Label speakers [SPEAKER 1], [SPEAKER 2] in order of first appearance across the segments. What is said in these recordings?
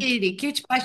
[SPEAKER 1] 1, 2, 3, baş.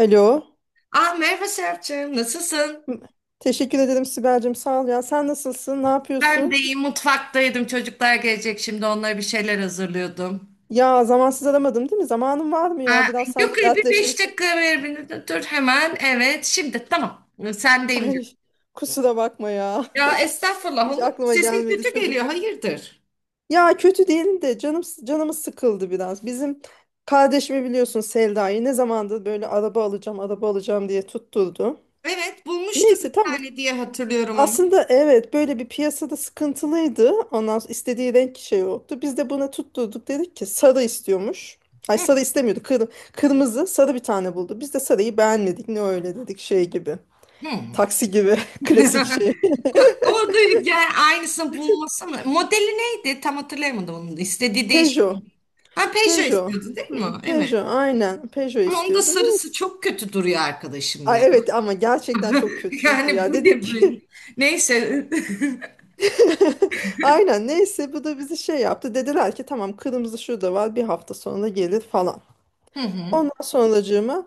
[SPEAKER 2] Alo.
[SPEAKER 1] Ah merhaba Serapcığım, nasılsın?
[SPEAKER 2] M- Teşekkür ederim Sibel'cim. Sağ ol ya. Sen nasılsın? Ne
[SPEAKER 1] Ben de
[SPEAKER 2] yapıyorsun?
[SPEAKER 1] iyi, mutfaktaydım. Çocuklar gelecek şimdi, onlara bir şeyler hazırlıyordum.
[SPEAKER 2] Ya zamansız aramadım değil mi? Zamanın var mı ya?
[SPEAKER 1] Ha,
[SPEAKER 2] Biraz
[SPEAKER 1] yok
[SPEAKER 2] seninle
[SPEAKER 1] bir beş
[SPEAKER 2] dertleşmek.
[SPEAKER 1] dakika ver beni. Dur hemen, evet. Şimdi tamam, sendeyim
[SPEAKER 2] Ay
[SPEAKER 1] canım.
[SPEAKER 2] kusura bakma ya.
[SPEAKER 1] Ya estağfurullah
[SPEAKER 2] Hiç
[SPEAKER 1] olur mu?
[SPEAKER 2] aklıma
[SPEAKER 1] Sesin
[SPEAKER 2] gelmedi
[SPEAKER 1] kötü geliyor,
[SPEAKER 2] çocuk.
[SPEAKER 1] hayırdır?
[SPEAKER 2] Ya kötü değil de canım canımız sıkıldı biraz. Bizim kardeşimi biliyorsun Selda'yı ne zamandır böyle araba alacağım, araba alacağım diye tutturdu.
[SPEAKER 1] Evet, bulmuştum bir
[SPEAKER 2] Neyse tamam.
[SPEAKER 1] tane diye hatırlıyorum onu.
[SPEAKER 2] Aslında evet böyle bir piyasada sıkıntılıydı. Ondan sonra istediği renk şey yoktu. Biz de buna tutturduk dedik ki sarı istiyormuş. Ay
[SPEAKER 1] Hı,
[SPEAKER 2] sarı istemiyordu. Kırmızı sarı bir tane buldu. Biz de sarıyı beğenmedik. Ne öyle dedik şey gibi.
[SPEAKER 1] hı.
[SPEAKER 2] Taksi gibi klasik şey.
[SPEAKER 1] Ama da yani aynısını bulmasana. Modeli neydi? Tam hatırlayamadım onu. Da. İstediği değişik.
[SPEAKER 2] Peugeot.
[SPEAKER 1] Ha Peugeot
[SPEAKER 2] Peugeot.
[SPEAKER 1] istiyordun değil mi? Evet.
[SPEAKER 2] Peugeot aynen. Peugeot
[SPEAKER 1] Ama onda
[SPEAKER 2] istiyordu.
[SPEAKER 1] sarısı
[SPEAKER 2] Neyse.
[SPEAKER 1] çok kötü duruyor arkadaşım
[SPEAKER 2] Ay
[SPEAKER 1] ya.
[SPEAKER 2] evet ama gerçekten çok kötüydü
[SPEAKER 1] Yani bu
[SPEAKER 2] ya.
[SPEAKER 1] ne
[SPEAKER 2] Dedik ki
[SPEAKER 1] böyle? Neyse.
[SPEAKER 2] aynen neyse bu da bizi şey yaptı. Dediler ki tamam kırmızı şurada var bir hafta sonra gelir falan.
[SPEAKER 1] Hı hı.
[SPEAKER 2] Ondan sonracığıma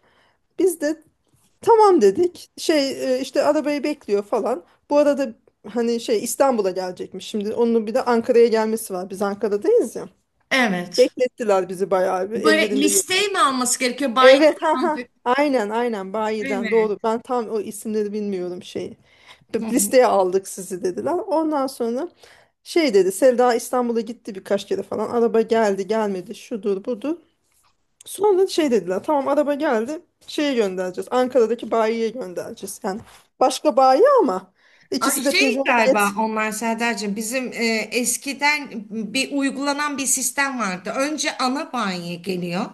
[SPEAKER 2] biz de tamam dedik. Şey işte arabayı bekliyor falan. Bu arada hani şey İstanbul'a gelecekmiş. Şimdi onun bir de Ankara'ya gelmesi var. Biz Ankara'dayız ya.
[SPEAKER 1] Evet.
[SPEAKER 2] Beklettiler bizi bayağı bir.
[SPEAKER 1] Böyle
[SPEAKER 2] Ellerinde
[SPEAKER 1] listeyi
[SPEAKER 2] yokmuş.
[SPEAKER 1] mi alması gerekiyor? Bayram
[SPEAKER 2] Evet
[SPEAKER 1] mı
[SPEAKER 2] ha ha.
[SPEAKER 1] alacak?
[SPEAKER 2] Aynen aynen bayiden
[SPEAKER 1] Evet.
[SPEAKER 2] doğru. Ben tam o isimleri bilmiyorum şeyi.
[SPEAKER 1] Hı
[SPEAKER 2] Bir
[SPEAKER 1] hı.
[SPEAKER 2] listeye aldık sizi dediler. Ondan sonra şey dedi Sevda İstanbul'a gitti birkaç kere falan. Araba geldi gelmedi şudur budur. Sonra şey dediler tamam araba geldi şeye göndereceğiz Ankara'daki bayiye göndereceğiz yani başka bayi ama
[SPEAKER 1] A,
[SPEAKER 2] ikisi de
[SPEAKER 1] şey
[SPEAKER 2] Peugeot
[SPEAKER 1] galiba
[SPEAKER 2] Magnet.
[SPEAKER 1] onlar Serdar'cığım bizim eskiden bir uygulanan bir sistem vardı. Önce ana banyo geliyor.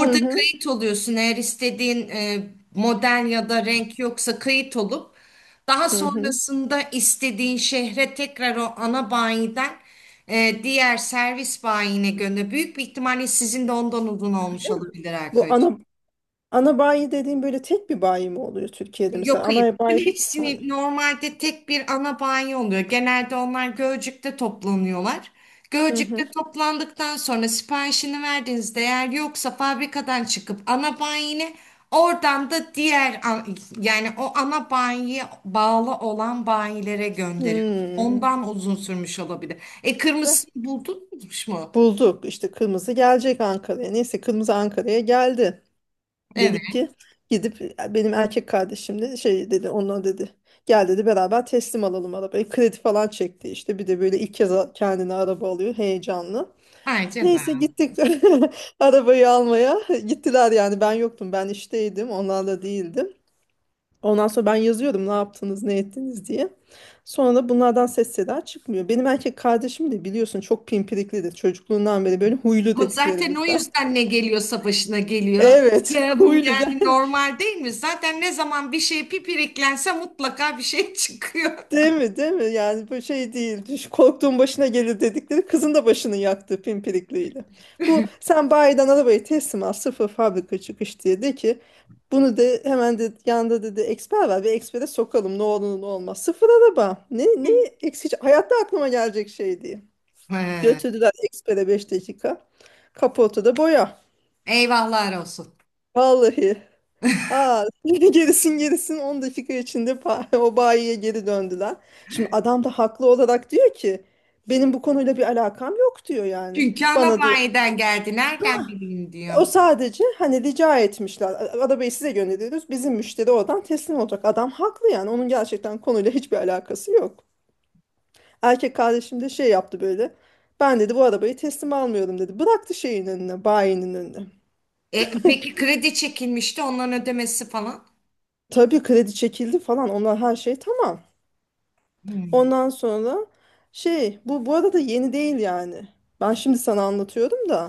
[SPEAKER 2] Hı hı
[SPEAKER 1] kayıt oluyorsun, eğer istediğin model ya da renk yoksa kayıt olup daha
[SPEAKER 2] hı hı.
[SPEAKER 1] sonrasında istediğin şehre tekrar o ana bayiden diğer servis bayine gönder. Büyük bir ihtimalle sizin de ondan uzun olmuş olabilir
[SPEAKER 2] Bu
[SPEAKER 1] Erkay'cığım.
[SPEAKER 2] ana bayi dediğim böyle tek bir bayi mi oluyor Türkiye'de mesela
[SPEAKER 1] Yok hayır.
[SPEAKER 2] ana
[SPEAKER 1] Bütün
[SPEAKER 2] bayi bir tane.
[SPEAKER 1] hepsini normalde tek bir ana banyo oluyor. Genelde onlar Gölcük'te toplanıyorlar.
[SPEAKER 2] Hı
[SPEAKER 1] Gölcük'te
[SPEAKER 2] hı.
[SPEAKER 1] toplandıktan sonra siparişini verdiğinizde, eğer yoksa fabrikadan çıkıp ana banyine oradan da yani o ana banyoya bağlı olan banyilere gönderiyor.
[SPEAKER 2] Hmm.
[SPEAKER 1] Ondan uzun sürmüş olabilir. E
[SPEAKER 2] Ve
[SPEAKER 1] kırmızısını buldunuz mu?
[SPEAKER 2] bulduk işte kırmızı gelecek Ankara'ya neyse kırmızı Ankara'ya geldi.
[SPEAKER 1] Evet.
[SPEAKER 2] Dedik ki gidip benim erkek kardeşim de şey dedi onunla dedi gel dedi beraber teslim alalım arabayı kredi falan çekti işte bir de böyle ilk kez kendine araba alıyor heyecanlı.
[SPEAKER 1] Ay
[SPEAKER 2] Neyse
[SPEAKER 1] canım.
[SPEAKER 2] gittik arabayı almaya gittiler yani ben yoktum ben işteydim onlarla değildim. Ondan sonra ben yazıyorum ne yaptınız ne ettiniz diye. Sonra da bunlardan ses seda çıkmıyor. Benim erkek kardeşim de biliyorsun çok pimpiriklidir çocukluğundan beri böyle huylu
[SPEAKER 1] Ama zaten o
[SPEAKER 2] dediklerimizden.
[SPEAKER 1] yüzden ne geliyorsa başına geliyor.
[SPEAKER 2] Evet
[SPEAKER 1] Ya bu
[SPEAKER 2] huylu
[SPEAKER 1] yani
[SPEAKER 2] gel.
[SPEAKER 1] normal değil mi? Zaten ne zaman bir şey pipiriklense mutlaka bir şey çıkıyor.
[SPEAKER 2] Değil mi? Değil mi? Yani bu şey değil. Korktuğun başına gelir dedikleri kızın da başını yaktı pimpirikliyle. Bu sen bayiden arabayı teslim al sıfır fabrika çıkış diye de ki bunu de hemen de yanında dedi eksper var bir ekspere sokalım ne olur ne olmaz. Sıfır araba. Ne eksici hayatta aklıma gelecek şey diye.
[SPEAKER 1] He,
[SPEAKER 2] Götürdüler ekspere 5 dakika. Kaportada boya.
[SPEAKER 1] eyvahlar olsun.
[SPEAKER 2] Vallahi. Aa, gerisin gerisin 10 dakika içinde o bayiye geri döndüler. Şimdi adam da haklı olarak diyor ki benim bu konuyla bir alakam yok diyor yani.
[SPEAKER 1] Çünkü ana
[SPEAKER 2] Bana diyor.
[SPEAKER 1] bayiden geldi. Nereden bileyim diyor.
[SPEAKER 2] O sadece hani rica etmişler. Arabayı size gönderiyoruz. Bizim müşteri oradan teslim olacak. Adam haklı yani. Onun gerçekten konuyla hiçbir alakası yok. Erkek kardeşim de şey yaptı böyle. Ben dedi bu arabayı teslim almıyorum dedi. Bıraktı şeyin önüne, bayinin önüne.
[SPEAKER 1] E, peki kredi çekilmişti onların ödemesi falan.
[SPEAKER 2] Tabii kredi çekildi falan. Onlar her şey tamam.
[SPEAKER 1] Hmm.
[SPEAKER 2] Ondan sonra şey bu arada yeni değil yani. Ben şimdi sana anlatıyorum da.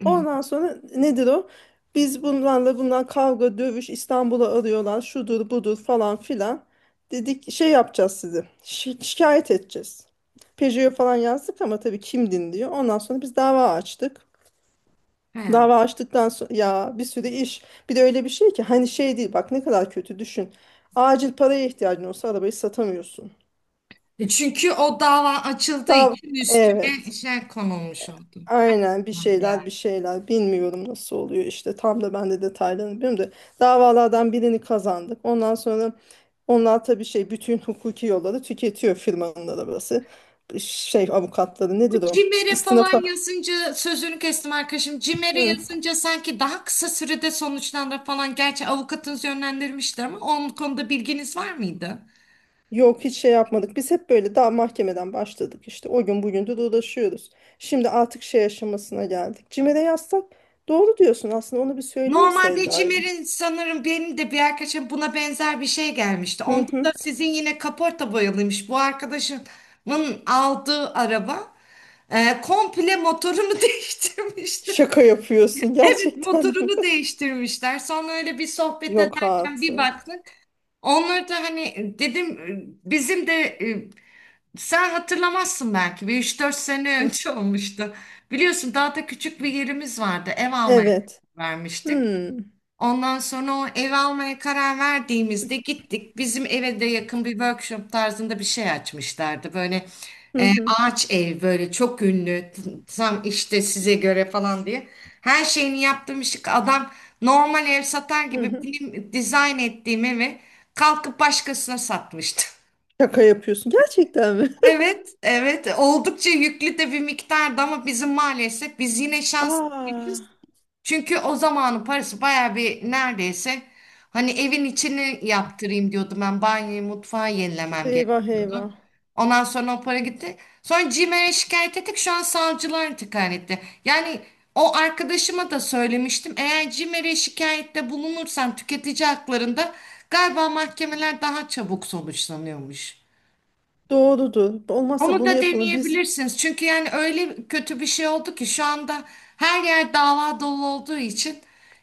[SPEAKER 1] Hmm.
[SPEAKER 2] Ondan sonra nedir o? Biz bunlarla bunlar kavga dövüş İstanbul'a arıyorlar şudur budur falan filan. Dedik şey yapacağız sizi. Şikayet edeceğiz. Peugeot'a falan yazdık ama tabii kim dinliyor. Ondan sonra biz dava açtık.
[SPEAKER 1] He.
[SPEAKER 2] Dava açtıktan sonra ya bir sürü iş. Bir de öyle bir şey ki hani şey değil bak ne kadar kötü düşün. Acil paraya ihtiyacın olsa arabayı satamıyorsun.
[SPEAKER 1] E, çünkü o dava açıldığı
[SPEAKER 2] Dava
[SPEAKER 1] için üstüne
[SPEAKER 2] Evet.
[SPEAKER 1] şey konulmuş oldu.
[SPEAKER 2] Aynen bir
[SPEAKER 1] Ya.
[SPEAKER 2] şeyler bir şeyler bilmiyorum nasıl oluyor işte tam da ben de detaylarını bilmiyorum da davalardan birini kazandık. Ondan sonra onlar tabii şey bütün hukuki yolları tüketiyor firmanın arabası. Şey avukatları nedir o?
[SPEAKER 1] Cimer'e falan
[SPEAKER 2] İstinafa.
[SPEAKER 1] yazınca sözünü kestim arkadaşım. Cimer'e
[SPEAKER 2] Hı.
[SPEAKER 1] yazınca sanki daha kısa sürede sonuçlanır falan. Gerçi avukatınız yönlendirmişti ama onun konuda bilginiz var mıydı?
[SPEAKER 2] Yok hiç şey yapmadık. Biz hep böyle daha mahkemeden başladık işte. O gün bugündür uğraşıyoruz. Şimdi artık şey aşamasına geldik. Cimer'e yazsak doğru diyorsun aslında onu bir söyleyeyim
[SPEAKER 1] Normalde
[SPEAKER 2] Selda'ya.
[SPEAKER 1] Cimer'in sanırım benim de bir arkadaşım buna benzer bir şey gelmişti.
[SPEAKER 2] Hı
[SPEAKER 1] Onda da
[SPEAKER 2] hı.
[SPEAKER 1] sizin yine kaporta boyalıymış. Bu arkadaşımın aldığı araba komple motorunu değiştirmişler.
[SPEAKER 2] Şaka yapıyorsun gerçekten.
[SPEAKER 1] Motorunu değiştirmişler. Sonra öyle bir sohbet
[SPEAKER 2] Yok
[SPEAKER 1] ederken bir
[SPEAKER 2] artık.
[SPEAKER 1] baktık. Onları da hani dedim bizim de e, sen hatırlamazsın belki bir 3 4 sene
[SPEAKER 2] Hı.
[SPEAKER 1] önce olmuştu. Biliyorsun daha da küçük bir yerimiz vardı, ev almaya
[SPEAKER 2] Evet.
[SPEAKER 1] karar vermiştik.
[SPEAKER 2] Hmm.
[SPEAKER 1] Ondan sonra o ev almaya karar verdiğimizde gittik. Bizim eve de yakın bir workshop tarzında bir şey açmışlardı. Böyle
[SPEAKER 2] Hı
[SPEAKER 1] e,
[SPEAKER 2] hı.
[SPEAKER 1] ağaç ev böyle çok ünlü tam işte size göre falan diye. Her şeyini yaptığım işi adam normal ev satar
[SPEAKER 2] Hı
[SPEAKER 1] gibi
[SPEAKER 2] hı.
[SPEAKER 1] benim dizayn ettiğim evi kalkıp başkasına satmıştı.
[SPEAKER 2] Şaka yapıyorsun. Gerçekten mi?
[SPEAKER 1] Evet, evet. Oldukça yüklü de bir miktardı ama bizim maalesef biz yine
[SPEAKER 2] Aa,
[SPEAKER 1] şanslıyız. Çünkü o zamanın parası bayağı bir, neredeyse hani evin içini yaptırayım diyordum, ben banyoyu mutfağı yenilemem gerek.
[SPEAKER 2] eyvah eyvah.
[SPEAKER 1] Ondan sonra o para gitti. Sonra CİMER'e şikayet ettik, şu an savcılar intikal etti. Yani o arkadaşıma da söylemiştim, eğer CİMER'e şikayette bulunursan tüketici haklarında galiba mahkemeler daha çabuk sonuçlanıyormuş.
[SPEAKER 2] Doğrudur. Olmazsa
[SPEAKER 1] Onu
[SPEAKER 2] bunu
[SPEAKER 1] da
[SPEAKER 2] yapalım.
[SPEAKER 1] deneyebilirsiniz. Çünkü yani öyle kötü bir şey oldu ki şu anda her yer dava dolu olduğu için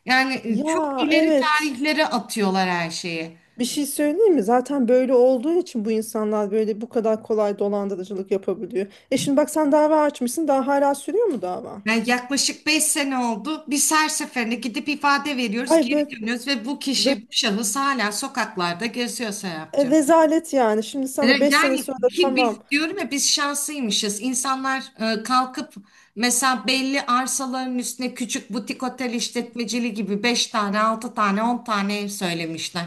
[SPEAKER 1] yani çok
[SPEAKER 2] Ya
[SPEAKER 1] ileri
[SPEAKER 2] evet.
[SPEAKER 1] tarihlere atıyorlar her şeyi.
[SPEAKER 2] Bir şey söyleyeyim mi? Zaten böyle olduğu için bu insanlar böyle bu kadar kolay dolandırıcılık yapabiliyor. E şimdi bak sen dava açmışsın. Daha hala sürüyor mu dava?
[SPEAKER 1] Yani yaklaşık 5 sene oldu. Biz her seferinde gidip ifade veriyoruz,
[SPEAKER 2] Ay
[SPEAKER 1] geri
[SPEAKER 2] böyle,
[SPEAKER 1] dönüyoruz ve bu
[SPEAKER 2] böyle
[SPEAKER 1] kişi, bu şahıs hala sokaklarda geziyor Serapcığım.
[SPEAKER 2] rezalet yani. Şimdi
[SPEAKER 1] E,
[SPEAKER 2] sana 5 sene
[SPEAKER 1] yani
[SPEAKER 2] sonra da
[SPEAKER 1] ki
[SPEAKER 2] tamam.
[SPEAKER 1] biz diyorum ya biz şanslıymışız. İnsanlar kalkıp mesela belli arsaların üstüne küçük butik otel işletmeciliği gibi 5 tane, 6 tane, 10 tane ev söylemişler.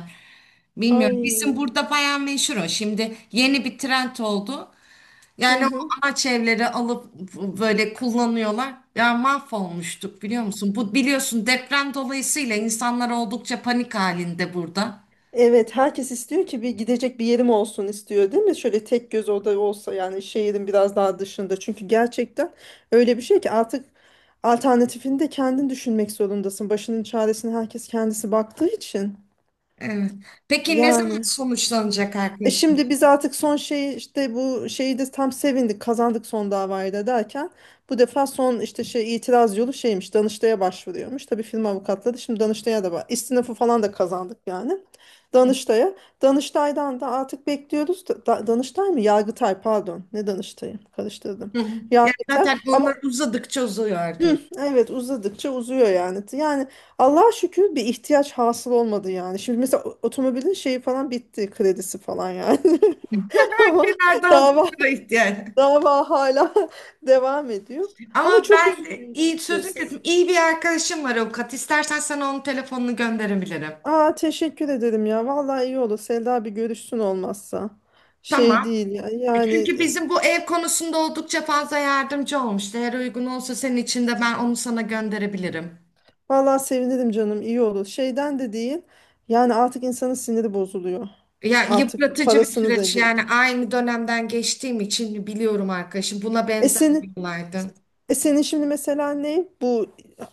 [SPEAKER 1] Bilmiyorum. Bizim
[SPEAKER 2] Ay.
[SPEAKER 1] burada bayağı meşhur o. Şimdi yeni bir trend oldu.
[SPEAKER 2] Hı
[SPEAKER 1] Yani o
[SPEAKER 2] hı.
[SPEAKER 1] ağaç evleri alıp böyle kullanıyorlar. Ya mahvolmuştuk biliyor musun? Bu biliyorsun deprem dolayısıyla insanlar oldukça panik halinde burada.
[SPEAKER 2] Evet, herkes istiyor ki bir gidecek bir yerim olsun istiyor, değil mi? Şöyle tek göz oda olsa yani şehrin biraz daha dışında. Çünkü gerçekten öyle bir şey ki artık alternatifini de kendin düşünmek zorundasın. Başının çaresine herkes kendisi baktığı için.
[SPEAKER 1] Evet. Peki ne zaman
[SPEAKER 2] Yani.
[SPEAKER 1] sonuçlanacak
[SPEAKER 2] E
[SPEAKER 1] arkadaşım?
[SPEAKER 2] şimdi biz artık son şey işte bu şeyi de tam sevindik kazandık son davayı da derken bu defa son işte şey itiraz yolu şeymiş Danıştay'a başvuruyormuş. Tabii firma avukatları şimdi Danıştay'a da var. İstinafı falan da kazandık yani. Danıştay'a. Danıştay'dan da artık bekliyoruz. Danıştay mı? Yargıtay pardon. Ne Danıştay'ı? Karıştırdım.
[SPEAKER 1] Hı hı. Yani
[SPEAKER 2] Yargıtay.
[SPEAKER 1] zaten
[SPEAKER 2] Ama
[SPEAKER 1] onlar uzadıkça uzuyor
[SPEAKER 2] hı,
[SPEAKER 1] arkadaşlar.
[SPEAKER 2] evet uzadıkça uzuyor yani. Yani Allah'a şükür bir ihtiyaç hasıl olmadı yani. Şimdi mesela otomobilin şeyi falan bitti. Kredisi falan yani. Ama
[SPEAKER 1] Kenarda
[SPEAKER 2] dava
[SPEAKER 1] hazırlığa ihtiyaç.
[SPEAKER 2] dava hala devam ediyor. Ama
[SPEAKER 1] Ama
[SPEAKER 2] çok
[SPEAKER 1] ben
[SPEAKER 2] üzücü
[SPEAKER 1] de iyi
[SPEAKER 2] işte.
[SPEAKER 1] sözün kesimi, iyi bir arkadaşım var avukat. İstersen sana onun telefonunu gönderebilirim.
[SPEAKER 2] Aa teşekkür ederim ya. Vallahi iyi olur. Selda bir görüşsün olmazsa. Şey değil
[SPEAKER 1] Tamam.
[SPEAKER 2] ya. Yani
[SPEAKER 1] Çünkü bizim bu ev konusunda oldukça fazla yardımcı olmuştu. Eğer uygun olsa senin için de ben onu sana gönderebilirim.
[SPEAKER 2] vallahi sevinirim canım. İyi olur. Şeyden de değil. Yani artık insanın siniri bozuluyor.
[SPEAKER 1] Ya
[SPEAKER 2] Artık
[SPEAKER 1] yıpratıcı bir
[SPEAKER 2] parasını da
[SPEAKER 1] süreç yani,
[SPEAKER 2] geç.
[SPEAKER 1] aynı dönemden geçtiğim için biliyorum arkadaşım. Buna
[SPEAKER 2] E
[SPEAKER 1] benzer bir
[SPEAKER 2] senin,
[SPEAKER 1] olaydı.
[SPEAKER 2] e senin şimdi mesela ne? Bu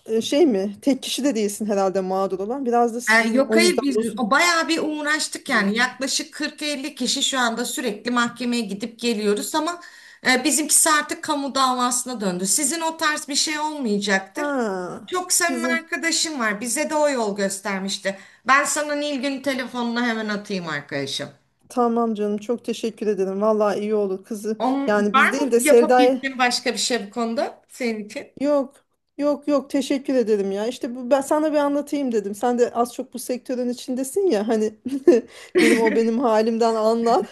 [SPEAKER 2] şey mi? Tek kişi de değilsin herhalde mağdur olan. Biraz da
[SPEAKER 1] E,
[SPEAKER 2] sizin
[SPEAKER 1] yok
[SPEAKER 2] o
[SPEAKER 1] hayır,
[SPEAKER 2] yüzden
[SPEAKER 1] biz
[SPEAKER 2] uzun.
[SPEAKER 1] o bayağı bir uğraştık,
[SPEAKER 2] Hı.
[SPEAKER 1] yani yaklaşık 40-50 kişi şu anda sürekli mahkemeye gidip geliyoruz ama bizimkisi artık kamu davasına döndü. Sizin o tarz bir şey olmayacaktır.
[SPEAKER 2] Ha.
[SPEAKER 1] Çok samimi
[SPEAKER 2] bizim
[SPEAKER 1] arkadaşım var, bize de o yol göstermişti. Ben sana Nilgün telefonunu hemen atayım arkadaşım.
[SPEAKER 2] Tamam canım çok teşekkür ederim. Vallahi iyi olur kızı.
[SPEAKER 1] Onun,
[SPEAKER 2] Yani
[SPEAKER 1] var
[SPEAKER 2] biz
[SPEAKER 1] mı
[SPEAKER 2] değil de Selda'ya
[SPEAKER 1] yapabildiğin başka bir şey bu konuda senin için?
[SPEAKER 2] yok yok yok teşekkür ederim ya. İşte bu, ben sana bir anlatayım dedim. Sen de az çok bu sektörün içindesin ya hani dedim o benim halimden anlar.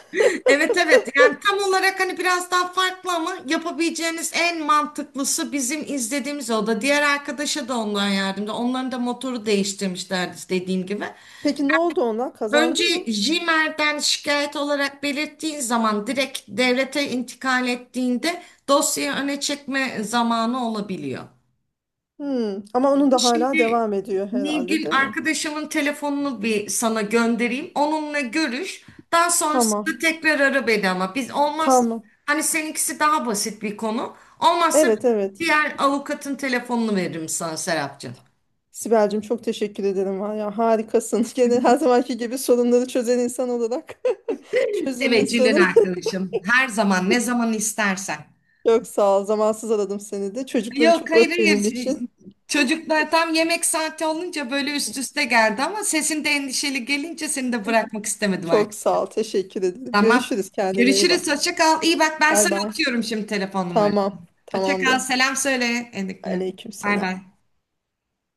[SPEAKER 1] Evet, evet, yani tam olarak hani biraz daha farklı ama yapabileceğiniz en mantıklısı bizim izlediğimiz o da. Diğer arkadaşa da ondan yardımcı. Onların da motoru değiştirmişlerdi dediğim gibi.
[SPEAKER 2] Peki ne oldu onlar? Kazandı mı?
[SPEAKER 1] Önce Jimer'den şikayet olarak belirttiğin zaman direkt devlete intikal ettiğinde dosyayı öne çekme zamanı olabiliyor.
[SPEAKER 2] Hmm. Ama onun da hala
[SPEAKER 1] Şimdi
[SPEAKER 2] devam ediyor herhalde
[SPEAKER 1] Nilgün
[SPEAKER 2] değil mi?
[SPEAKER 1] arkadaşımın telefonunu bir sana göndereyim. Onunla görüş. Daha
[SPEAKER 2] Tamam.
[SPEAKER 1] sonrasında tekrar ara beni ama biz olmaz.
[SPEAKER 2] Tamam.
[SPEAKER 1] Hani seninkisi daha basit bir konu. Olmazsa
[SPEAKER 2] Evet evet.
[SPEAKER 1] diğer avukatın telefonunu veririm sana Serapcığım.
[SPEAKER 2] Sibel'cim çok teşekkür ederim var ya harikasın. Gene her zamanki gibi sorunları çözen insan olarak çözüm
[SPEAKER 1] Teveccühlen
[SPEAKER 2] insanı.
[SPEAKER 1] arkadaşım. Her zaman ne zaman istersen.
[SPEAKER 2] Çok sağ ol. Zamansız aradım seni de. Çocukları
[SPEAKER 1] Yok
[SPEAKER 2] çok
[SPEAKER 1] hayır,
[SPEAKER 2] öp
[SPEAKER 1] hayır.
[SPEAKER 2] benim
[SPEAKER 1] Şey,
[SPEAKER 2] için.
[SPEAKER 1] çocuklar tam yemek saati olunca böyle üst üste geldi ama sesin de endişeli gelince seni de bırakmak istemedim.
[SPEAKER 2] Çok sağ ol. Teşekkür ederim.
[SPEAKER 1] Tamam.
[SPEAKER 2] Görüşürüz. Kendine iyi
[SPEAKER 1] Görüşürüz.
[SPEAKER 2] bak.
[SPEAKER 1] Hoşça kal. İyi bak, ben
[SPEAKER 2] Bay
[SPEAKER 1] sana
[SPEAKER 2] bay.
[SPEAKER 1] atıyorum şimdi telefon numarası.
[SPEAKER 2] Tamam.
[SPEAKER 1] Hoşça kal.
[SPEAKER 2] Tamamdır.
[SPEAKER 1] Selam söyle Endik'le.
[SPEAKER 2] Aleyküm
[SPEAKER 1] Bay
[SPEAKER 2] selam.
[SPEAKER 1] bay.